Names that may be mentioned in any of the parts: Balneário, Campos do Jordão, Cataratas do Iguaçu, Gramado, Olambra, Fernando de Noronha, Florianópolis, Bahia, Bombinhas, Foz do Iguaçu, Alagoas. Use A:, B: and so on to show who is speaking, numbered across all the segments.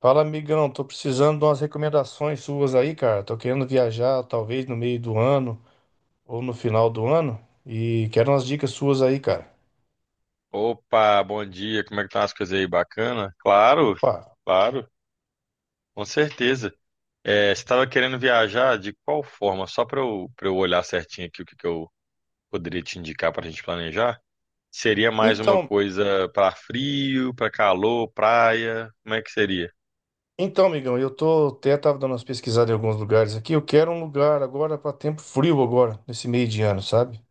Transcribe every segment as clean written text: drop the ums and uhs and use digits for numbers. A: Fala, amigão, tô precisando de umas recomendações suas aí, cara. Tô querendo viajar, talvez no meio do ano ou no final do ano, e quero umas dicas suas aí, cara.
B: Opa, bom dia. Como é que estão as coisas aí? Bacana? Claro,
A: Opa.
B: claro, com certeza. É, você estava querendo viajar de qual forma? Só para eu olhar certinho aqui o que eu poderia te indicar para a gente planejar? Seria mais uma
A: Então,
B: coisa para frio, para calor, praia? Como é que seria?
A: então, amigão, eu tô até tava dando umas pesquisadas em alguns lugares aqui. Eu quero um lugar agora para tempo frio agora, nesse meio de ano, sabe?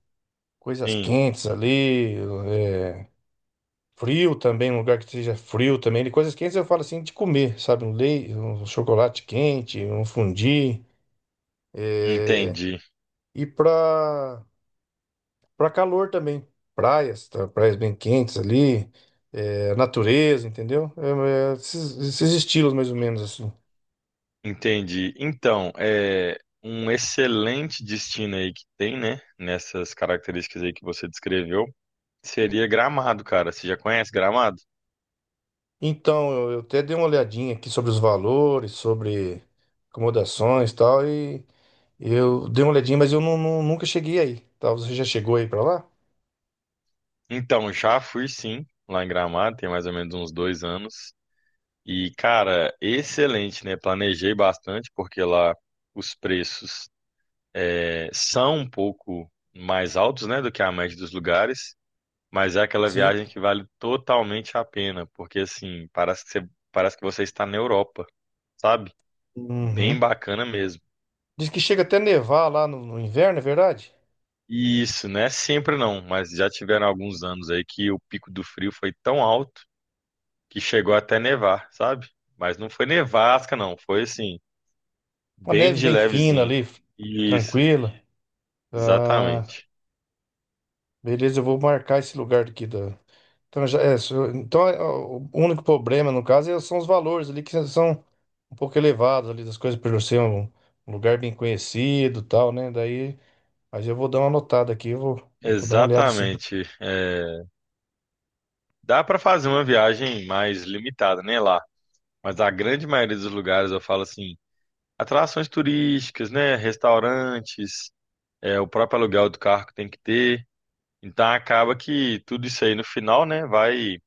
A: Coisas
B: Sim,
A: quentes ali, é, frio também, um lugar que seja frio também. De coisas quentes eu falo assim de comer, sabe? Um leite, um chocolate quente, um fondue.
B: entendi,
A: E para Para calor também, praias, tá? Praias bem quentes ali, é, natureza, entendeu? Esses estilos mais ou menos assim.
B: entendi. Então, é um excelente destino aí que tem, né? Nessas características aí que você descreveu, seria Gramado, cara. Você já conhece Gramado?
A: Então, eu até dei uma olhadinha aqui sobre os valores, sobre acomodações e tal, e eu dei uma olhadinha, mas eu nunca cheguei aí, tá? Você já chegou aí para lá?
B: Então, já fui sim, lá em Gramado, tem mais ou menos uns 2 anos. E, cara, excelente, né? Planejei bastante, porque lá os preços são um pouco mais altos, né, do que a média dos lugares, mas é aquela
A: Sim.
B: viagem que vale totalmente a pena, porque, assim, parece que você está na Europa, sabe? Bem
A: Uhum.
B: bacana mesmo.
A: Diz que chega até nevar lá no inverno, é verdade?
B: E isso, né sempre não, mas já tiveram alguns anos aí que o pico do frio foi tão alto que chegou até nevar, sabe? Mas não foi nevasca, não. Foi assim,
A: Uma
B: bem
A: neve
B: de
A: bem fina
B: levezinho.
A: ali,
B: Isso,
A: tranquila. Ah,
B: exatamente.
A: beleza, eu vou marcar esse lugar aqui da. Então, já, então é, ó, o único problema, no caso, são os valores ali que são um pouco elevados ali das coisas, por ser um lugar bem conhecido e tal, né? Daí, mas eu vou dar uma notada aqui, eu vou dar uma olhada assim.
B: Exatamente. É, dá para fazer uma viagem mais limitada, né, lá. Mas a grande maioria dos lugares, eu falo assim, atrações turísticas, né, restaurantes, é, o próprio aluguel do carro que tem que ter. Então acaba que tudo isso aí no final, né, vai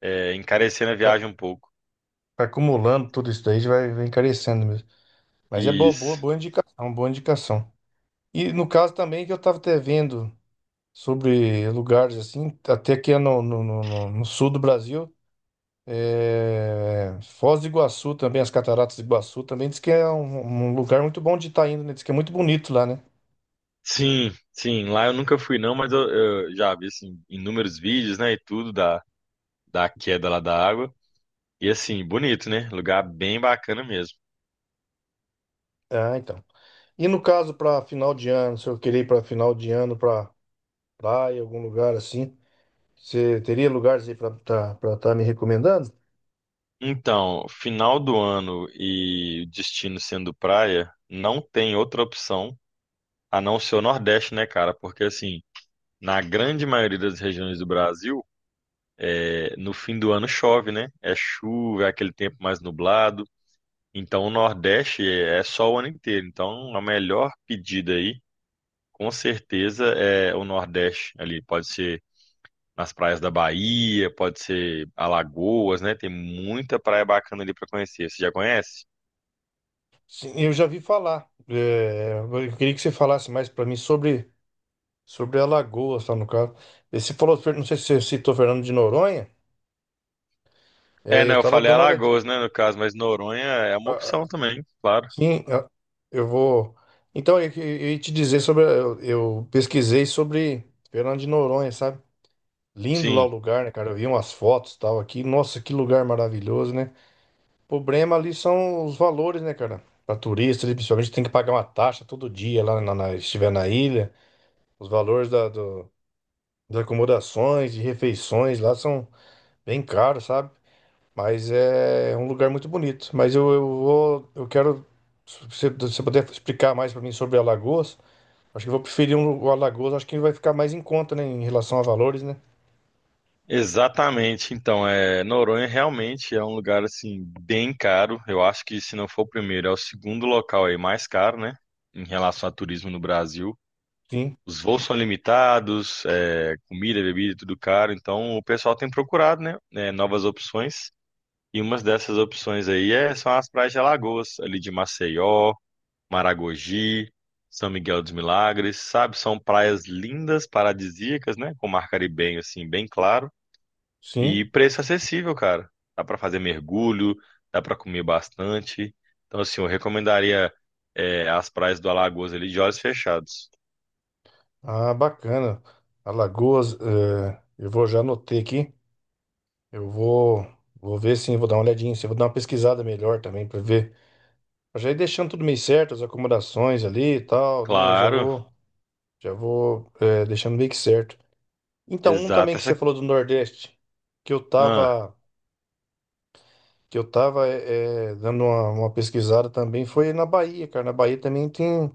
B: é, encarecendo a viagem um pouco.
A: Vai acumulando tudo isso daí, vai encarecendo mesmo. Mas é
B: Isso.
A: boa indicação, boa indicação. E no caso também que eu estava até vendo sobre lugares assim, até que é no sul do Brasil. É, Foz do Iguaçu também, as Cataratas do Iguaçu também diz que é um lugar muito bom de estar indo, né? Diz que é muito bonito lá, né?
B: Sim, sim, lá eu nunca fui não, mas eu já vi assim inúmeros vídeos, né, e tudo da queda lá da água. E assim, bonito, né? Lugar bem bacana mesmo.
A: Ah, então. E no caso para final de ano, se eu querer ir para final de ano para praia, algum lugar assim, você teria lugares aí para estar me recomendando?
B: Então, final do ano e destino sendo praia, não tem outra opção a não ser o Nordeste, né, cara? Porque assim, na grande maioria das regiões do Brasil, é, no fim do ano chove, né? É chuva, é aquele tempo mais nublado. Então, o Nordeste é só o ano inteiro. Então, a melhor pedida aí com certeza é o Nordeste ali, pode ser nas praias da Bahia, pode ser Alagoas, né? Tem muita praia bacana ali para conhecer. Você já conhece?
A: Sim, eu já vi falar. É, eu queria que você falasse mais para mim sobre Alagoas, tá, no caso. E você falou, não sei se você citou Fernando de Noronha.
B: É,
A: É, eu
B: né? Eu
A: tava
B: falei
A: dando uma olhadinha.
B: Alagoas, né, no caso, mas Noronha é uma opção também, claro.
A: Sim, eu vou. Então, eu ia te dizer sobre. Eu pesquisei sobre Fernando de Noronha, sabe? Lindo lá o
B: Sim,
A: lugar, né, cara? Eu vi umas fotos e tal aqui. Nossa, que lugar maravilhoso, né? O problema ali são os valores, né, cara? Para turista, ali, principalmente, tem que pagar uma taxa todo dia lá se estiver na ilha. Os valores das acomodações e refeições lá são bem caros, sabe? Mas é um lugar muito bonito. Mas eu vou, eu quero, se você se puder explicar mais para mim sobre Alagoas, acho que eu vou preferir um, o Alagoas, acho que vai ficar mais em conta, né, em relação a valores, né?
B: exatamente. Então, é, Noronha realmente é um lugar assim bem caro. Eu acho que se não for o primeiro, é o segundo local aí mais caro, né, em relação a turismo no Brasil.
A: Sim,
B: Os voos são limitados, é, comida, bebida, tudo caro. Então o pessoal tem procurado, né, novas opções. E uma dessas opções aí é, são as praias de Alagoas, ali de Maceió, Maragogi, São Miguel dos Milagres, sabe? São praias lindas, paradisíacas, né? Com mar caribenho, assim, bem claro.
A: sim.
B: E preço acessível, cara. Dá pra fazer mergulho, dá pra comer bastante. Então, assim, eu recomendaria, é, as praias do Alagoas ali de olhos fechados.
A: Ah, bacana. Alagoas, é, eu vou já anotei aqui. Eu vou, vou ver sim, vou dar uma olhadinha, sim, vou dar uma pesquisada melhor também para ver. Eu já ir deixando tudo meio certo, as acomodações ali e tal, né?
B: Claro,
A: Já vou, é, deixando meio que certo. Então, um também
B: exato.
A: que você
B: Essa,
A: falou do Nordeste, que eu
B: ah,
A: tava, que eu tava dando uma pesquisada também, foi na Bahia, cara. Na Bahia também tem,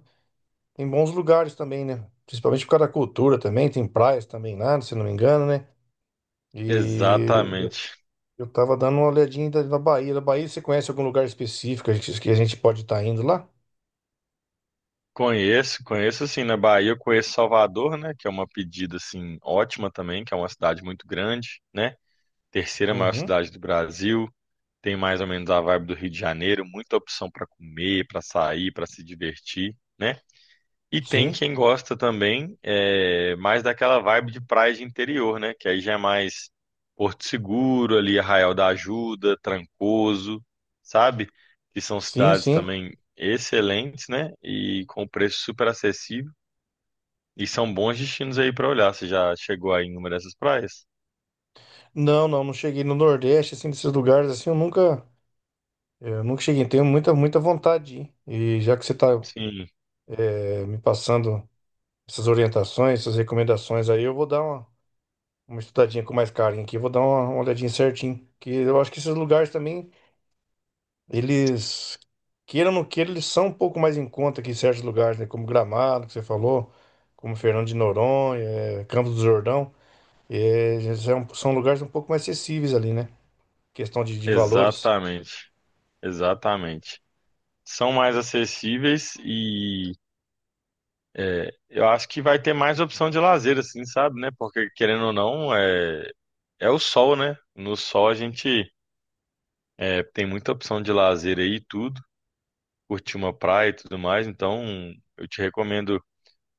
A: tem bons lugares também, né? Principalmente por causa da cultura também, tem praias também lá, se não me engano, né? E
B: exatamente.
A: eu tava dando uma olhadinha na Bahia. Da Bahia, você conhece algum lugar específico que a gente pode estar indo lá?
B: Conheço, conheço assim, na Bahia eu conheço Salvador, né, que é uma pedida assim ótima também, que é uma cidade muito grande, né? Terceira maior
A: Uhum,
B: cidade do Brasil, tem mais ou menos a vibe do Rio de Janeiro, muita opção para comer, para sair, para se divertir, né? E tem
A: sim,
B: quem gosta também, é, mais daquela vibe de praia de interior, né? Que aí já é mais Porto Seguro, ali Arraial da Ajuda, Trancoso, sabe? Que são cidades
A: sim.
B: também excelentes, né? E com preço super acessível. E são bons destinos aí para olhar. Você já chegou aí em uma dessas praias?
A: Não, não cheguei no Nordeste, assim, desses lugares, assim, eu nunca... Eu nunca cheguei, tenho muita vontade de ir. E já que você tá,
B: Sim,
A: me passando essas orientações, essas recomendações aí, eu vou dar uma estudadinha com mais carinho aqui, vou dar uma olhadinha certinho, que eu acho que esses lugares também, eles, queiram ou não queiram, eles são um pouco mais em conta que certos lugares, né, como Gramado, que você falou, como Fernando de Noronha, Campos do Jordão, são lugares um pouco mais acessíveis ali, né, questão de valores.
B: exatamente. Exatamente. São mais acessíveis e é, eu acho que vai ter mais opção de lazer, assim, sabe, né? Porque querendo ou não, é, é o sol, né? No sol a gente é, tem muita opção de lazer aí, e tudo, curtir uma praia e tudo mais. Então, eu te recomendo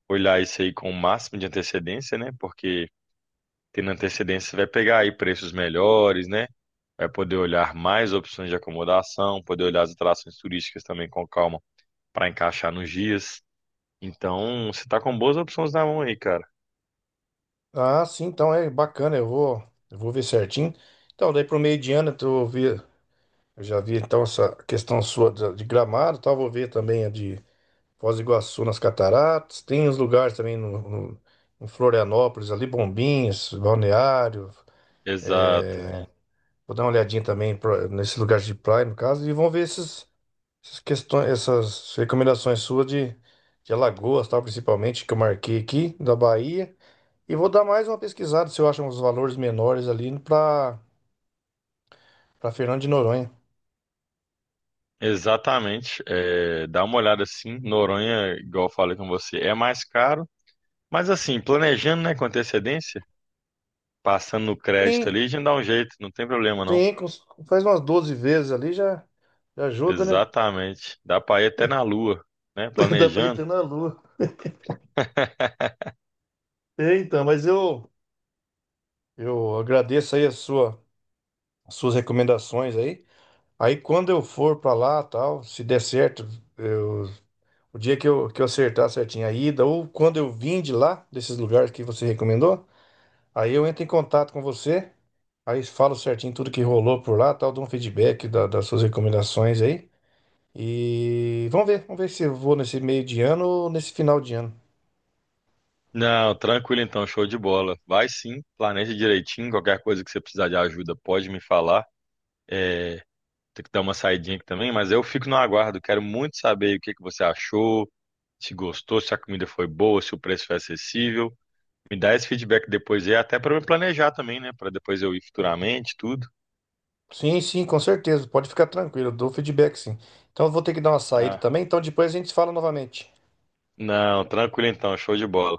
B: olhar isso aí com o máximo de antecedência, né? Porque tendo antecedência você vai pegar aí preços melhores, né? Vai poder olhar mais opções de acomodação, poder olhar as atrações turísticas também com calma para encaixar nos dias. Então, você tá com boas opções na mão aí, cara.
A: Ah, sim, então é bacana, eu vou ver certinho. Então, daí pro meio de ano, eu já vi então essa questão sua de Gramado, tal, vou ver também a de Foz do Iguaçu nas Cataratas. Tem os lugares também em Florianópolis, ali Bombinhas, Balneário.
B: Exato.
A: Vou dar uma olhadinha também nesse lugar de praia, no caso, e vão ver essas questões, essas recomendações suas de Alagoas, tal, principalmente, que eu marquei aqui, da Bahia. E vou dar mais uma pesquisada se eu acho uns valores menores ali para Fernando de Noronha.
B: Exatamente. É, dá uma olhada assim. Noronha, igual eu falei com você, é mais caro. Mas assim, planejando, né, com antecedência, passando no crédito
A: Sim,
B: ali, a gente dá um jeito, não tem problema não.
A: Sim, faz umas 12 vezes ali já, já ajuda, né?
B: Exatamente. Dá pra ir até na lua, né?
A: Dá pra
B: Planejando.
A: entrar na lua. É, então, mas eu agradeço aí a sua, as suas recomendações aí. Aí quando eu for pra lá, tal, se der certo, eu- o dia que que eu acertar certinho a ida, ou quando eu vim de lá, desses lugares que você recomendou, aí eu entro em contato com você, aí falo certinho tudo que rolou por lá, tal, dou um feedback das suas recomendações aí. E vamos ver se eu vou nesse meio de ano ou nesse final de ano.
B: Não, tranquilo então, show de bola. Vai sim, planeja direitinho. Qualquer coisa que você precisar de ajuda, pode me falar. Tem que dar uma saidinha aqui também, mas eu fico no aguardo. Quero muito saber o que que você achou, se gostou, se a comida foi boa, se o preço foi acessível. Me dá esse feedback depois aí, até para me planejar também, né? Para depois eu ir futuramente, tudo.
A: Sim, sim, com certeza. Pode ficar tranquilo, eu dou feedback sim. Então eu vou ter que dar uma saída
B: Ah,
A: também, então depois a gente se fala novamente.
B: não, tranquilo então, show de bola.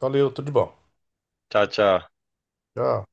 A: Valeu, tudo de bom.
B: Tchau, tchau.
A: Tchau.